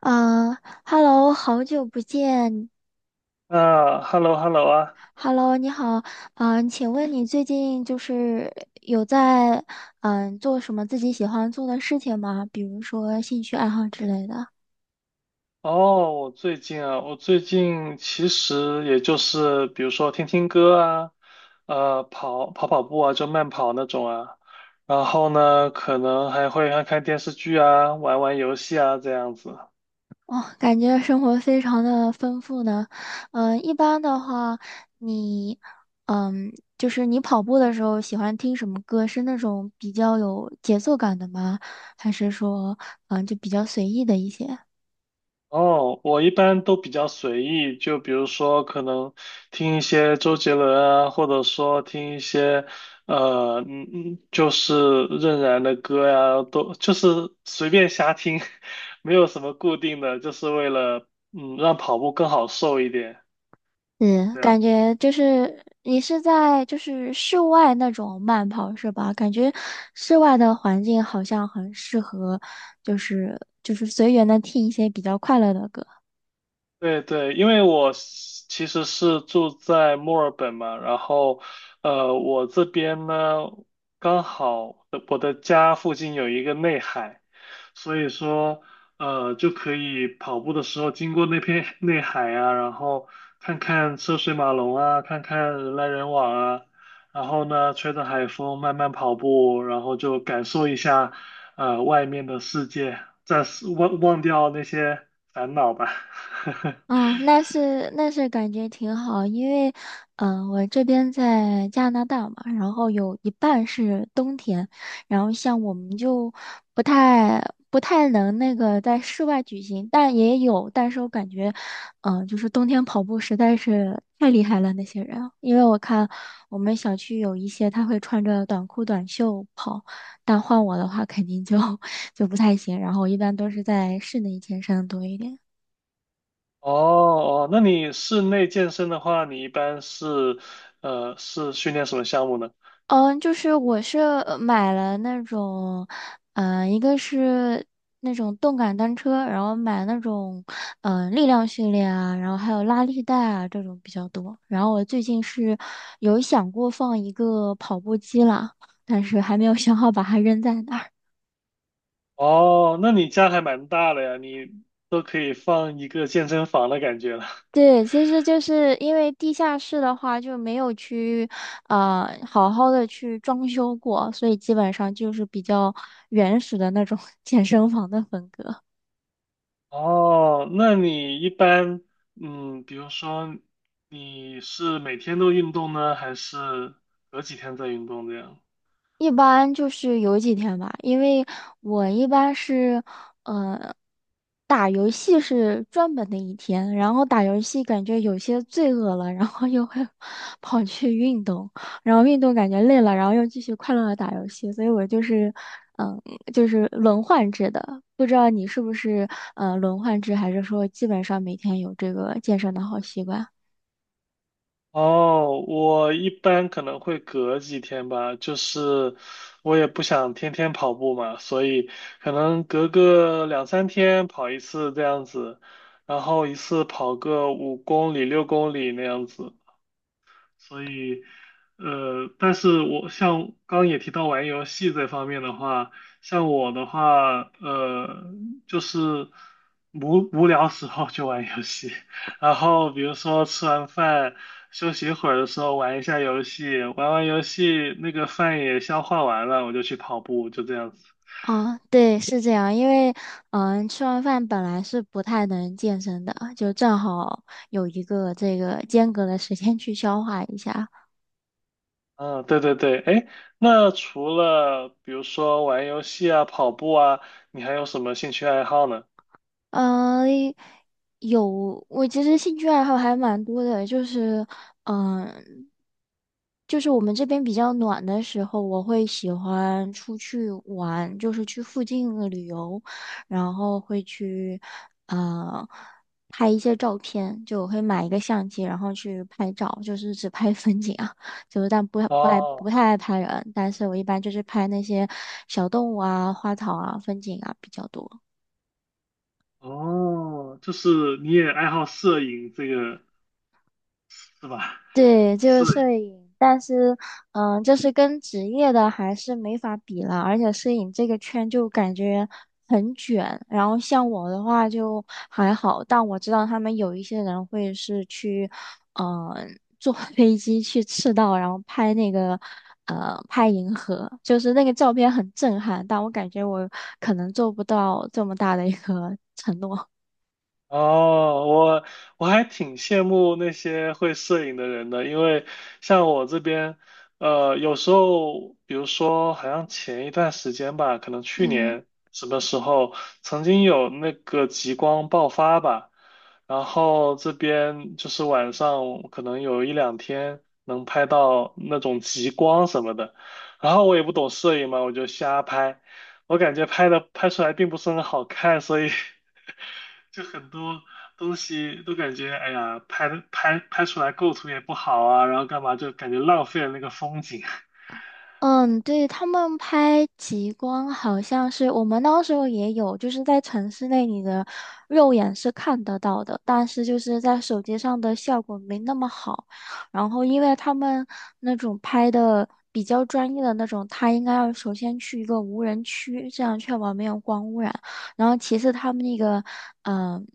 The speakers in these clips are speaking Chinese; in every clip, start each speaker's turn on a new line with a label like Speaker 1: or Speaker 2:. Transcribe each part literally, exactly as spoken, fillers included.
Speaker 1: 嗯，Hello，好久不见。
Speaker 2: 啊，hello hello 啊，
Speaker 1: Hello，你好。嗯，请问你最近就是有在嗯做什么自己喜欢做的事情吗？比如说兴趣爱好之类的。
Speaker 2: 哦，我最近啊，我最近其实也就是比如说听听歌啊，呃，跑跑跑步啊，就慢跑那种啊，然后呢，可能还会看看电视剧啊，玩玩游戏啊，这样子。
Speaker 1: 哦，感觉生活非常的丰富呢。嗯，一般的话，你嗯就是你跑步的时候喜欢听什么歌？是那种比较有节奏感的吗？还是说嗯就比较随意的一些？
Speaker 2: 哦，我一般都比较随意，就比如说可能听一些周杰伦啊，或者说听一些呃，嗯嗯，就是任然的歌呀，都就是随便瞎听，没有什么固定的，就是为了嗯让跑步更好受一点，
Speaker 1: 嗯，
Speaker 2: 这样。
Speaker 1: 感觉就是你是在就是室外那种慢跑是吧？感觉室外的环境好像很适合，就是就是随缘的听一些比较快乐的歌。
Speaker 2: 对对，因为我是其实是住在墨尔本嘛，然后，呃，我这边呢，刚好呃我的家附近有一个内海，所以说，呃，就可以跑步的时候经过那片内海啊，然后看看车水马龙啊，看看人来人往啊，然后呢，吹着海风慢慢跑步，然后就感受一下，呃，外面的世界，暂时忘忘掉那些烦恼吧。
Speaker 1: 嗯，那是那是感觉挺好，因为，嗯、我这边在加拿大嘛，然后有一半是冬天，然后像我们就不太不太能那个在室外举行，但也有，但是我感觉，嗯、就是冬天跑步实在是太厉害了那些人，因为我看我们小区有一些他会穿着短裤短袖跑，但换我的话肯定就 就不太行，然后我一般都是在室内健身多一点。
Speaker 2: 哦哦，那你室内健身的话，你一般是呃是训练什么项目呢？
Speaker 1: 嗯，就是我是呃买了那种，嗯、一个是那种动感单车，然后买那种，嗯、力量训练啊，然后还有拉力带啊这种比较多。然后我最近是有想过放一个跑步机啦，但是还没有想好把它扔在哪儿。
Speaker 2: 哦，那你家还蛮大的呀，你都可以放一个健身房的感觉了。
Speaker 1: 对，其实就是因为地下室的话就没有去，呃，好好的去装修过，所以基本上就是比较原始的那种 健身房的风格。
Speaker 2: 哦，那你一般嗯，比如说你是每天都运动呢，还是隔几天再运动这样？
Speaker 1: 一般就是有几天吧，因为我一般是，呃，打游戏是专门的一天，然后打游戏感觉有些罪恶了，然后又会 跑去运动，然后运动感觉累了，然后又继续快乐的打游戏，所以我就是，嗯、就是轮换制的，不知道你是不是呃轮换制，还是说基本上每天有这个健身的好习惯？
Speaker 2: 哦，我一般可能会隔几天吧，就是我也不想天天跑步嘛，所以可能隔个两三天跑一次这样子，然后一次跑个五公里、六公里那样子。所以，呃，但是我像刚刚也提到玩游戏这方面的话，像我的话，呃，就是无无聊时候就玩游戏，然后比如说吃完饭休息一会儿的时候玩一下游戏，玩完游戏那个饭也消化完了，我就去跑步，就这样子。
Speaker 1: 哦，对，是这样，因为嗯、吃完饭本来是不太能健身的，就正好有一个这个间隔的时间去消化一下。
Speaker 2: 嗯，对对对，哎，那除了比如说玩游戏啊、跑步啊，你还有什么兴趣爱好呢？
Speaker 1: 呃，有，我其实兴趣爱好还蛮多的，就是，嗯、就是我们这边比较暖的时候，我会喜欢出去玩，就是去附近的旅游，然后会去，呃，拍一些照片，就我会买一个相机，然后去拍照，就是只拍 风景啊，就是但不不爱不
Speaker 2: 哦。
Speaker 1: 太爱拍人，但是我一般就是拍那些小动物啊、花草啊、风景啊比较多。
Speaker 2: 哦，就是你也爱好摄影这个是吧？
Speaker 1: 对，就
Speaker 2: 摄
Speaker 1: 是摄
Speaker 2: 影。
Speaker 1: 影，但是，嗯，就是跟职业的还是没法比了，而且摄影这个圈就感觉很卷，然后像我的话就还好，但我知道他们有一些人会是去，嗯，坐 飞机去赤道，然后拍那个，呃，拍银河，就是那个照片很震撼，但我感觉我可能做不到这么大的一个 承诺。
Speaker 2: 哦，我我还挺羡慕那些会摄影的人的，因为像我这边，呃，有时候，比如说，好像前一段时间吧，可能去
Speaker 1: 嗯。
Speaker 2: 年什么时候，曾经有那个极光爆发吧，然后这边就是晚上可能有一两天能拍到那种极光什么的，然后我也不懂摄影嘛，我就瞎拍。我感觉拍的拍出来并不是很好看，所以 就很多东西都感觉，哎呀，拍的拍拍出来构图也不好啊，然后干嘛就感觉浪费了那个风景。
Speaker 1: 嗯，对，他们拍极光好像是我们那时候也有，就是在城市内你的肉眼是看得到的，但是就是在手机上的效果没那么好。然后因为他们那种拍的比较专业的那种，他应该要首先去一个无人区，这样确保没有光污染。然后其次他们那个，嗯。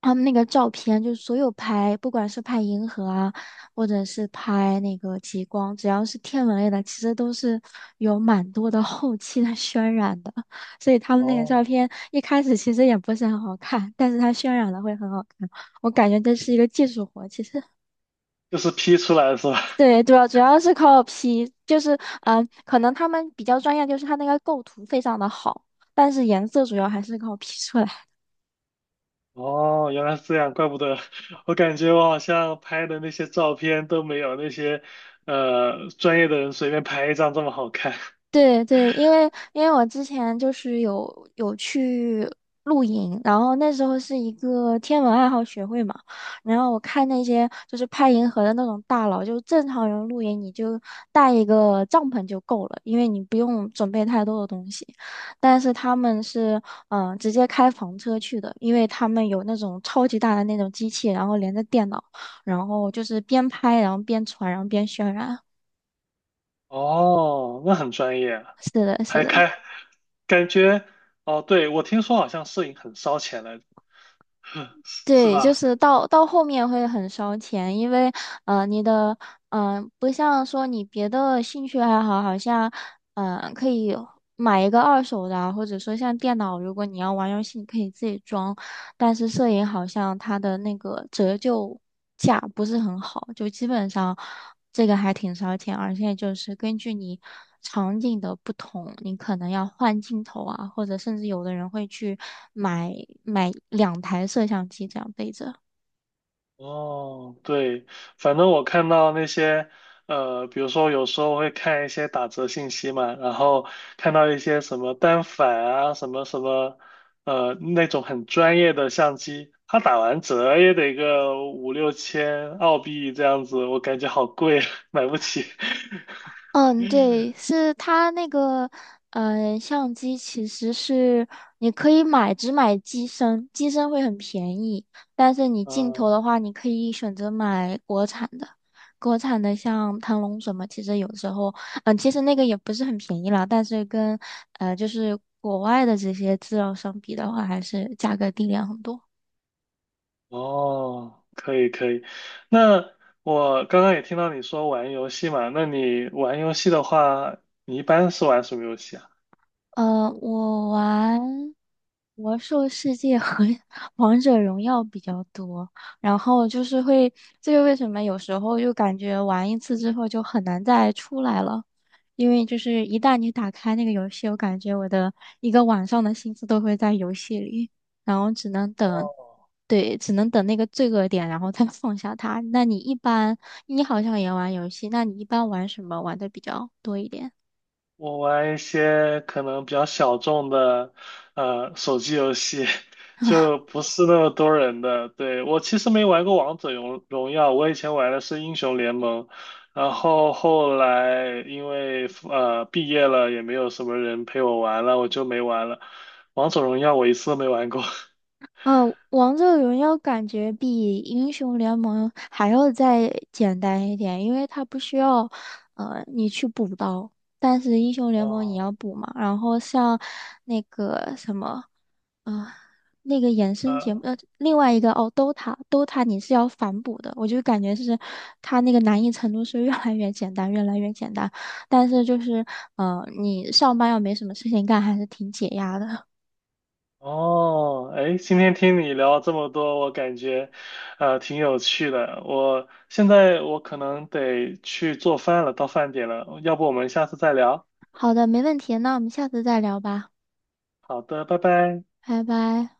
Speaker 1: 他们那个照片，就是所有拍，不管是拍银河啊，或者是拍那个极光，只要是天文类的，其实都是有蛮多的 后期的渲染的。所以他 们那个照
Speaker 2: 哦，
Speaker 1: 片一开始其实也不是很好看，但是它渲染的会很好看。我感觉这是一个技术活，其实。
Speaker 2: 就是 P 出来是吧？
Speaker 1: 对，主要主要是靠 P，就是嗯、呃可能他们比较专业，就是他那个构图非常的好，但是颜色主要还是靠 P 出来。
Speaker 2: 哦，原来是这样，怪不得我感觉我好像拍的那些照片都没有那些呃专业的人随便拍一张这么好看。
Speaker 1: 对对，因为因为我之前就是有有去露营，然后那时候是一个天文爱好学会嘛，然后我看那些就是拍银河的那种大佬，就正常人露营你就带一个帐篷就够了，因为你不用准备太多的东西。但是他们是嗯、呃直接开房车去的，因为他们有那种超级大的那种机器，然后连着电脑，然后就是边拍然后边传，然后边渲染。
Speaker 2: 哦，那很专业啊，
Speaker 1: 是的，是
Speaker 2: 还
Speaker 1: 的。
Speaker 2: 开，感觉，哦，对，我听说好像摄影很烧钱来着，是是
Speaker 1: 对，就
Speaker 2: 吧？
Speaker 1: 是到到后面会很烧钱，因为呃，你的嗯、呃不像说你别的兴趣爱好，好像嗯、呃可以买一个二手的啊或者说像电脑，如果你要玩游戏，你可以自己装。但是摄影好像它的那个折旧价不是很好，就基本上这个还挺烧钱，而且就是根据你场景的不同，你可能要换镜头啊，或者甚至有的人会去买买两台摄像机这样背着。
Speaker 2: 哦，对，反正我看到那些，呃，比如说有时候会看一些打折信息嘛，然后看到一些什么单反啊，什么什么，呃，那种很专业的相机，它打完折也得个五六千澳币这样子，我感觉好贵，买不起。
Speaker 1: 嗯，对，是它那个，嗯、相机其实是你可以买，只买机身，机身会很便宜，但是你镜头
Speaker 2: 嗯，
Speaker 1: 的话，你可以选择买国产的，国产的像腾龙什么，其实有时候，嗯、其实那个也不是很便宜了。但是跟，呃，就是国外的这些资料相比的话，还是价格低廉很多。
Speaker 2: 哦，可以可以。那我刚刚也听到你说玩游戏嘛，那你玩游戏的话，你一般是玩什么游戏啊？
Speaker 1: 呃，我玩魔兽世界和 王者荣耀比较多，然后就是会，这个为什么有时候就感觉玩一次之后就很难再出来了，因为就是一旦你打开那个游戏，我感觉我的一个晚上的心思都会在游戏里，然后只能等，
Speaker 2: 哦，
Speaker 1: 对，只能等那个罪恶点，然后再 放下它。那你一般，你好像也玩游戏，那你一般玩什么玩的比较多一点？
Speaker 2: 我玩一些可能比较小众的，呃，手机游戏，就不是那么多人的。对，我其实没玩过王者荣荣耀，我以前玩的是英雄联盟，然后后来因为呃毕业了，也没有什么人陪我玩了，我就没玩了。王者荣耀我一次都没玩过。
Speaker 1: 嗯，王者荣耀感觉比英雄联盟还要再简单一点，因为它不需要，呃，你去补刀，但是英雄 联盟你
Speaker 2: 哦，
Speaker 1: 要补嘛。然后像那个什么，啊、那个衍生节目，
Speaker 2: 呃。
Speaker 1: 呃，另外一个哦，DOTA，DOTA 你是要反补的，我就感觉是它那个难易程度是越来越简单，越来越简单。但是就是，嗯，你上班要没什么事情干，还是挺解压的。
Speaker 2: 哦，哎，今天听你聊这么多，我感觉，呃，挺有趣的。我现在我可能得去做饭了，到饭点了，要不我们下次再聊？
Speaker 1: 好的，没问题，那我们下次再聊吧。
Speaker 2: 好的，拜拜。
Speaker 1: 拜拜。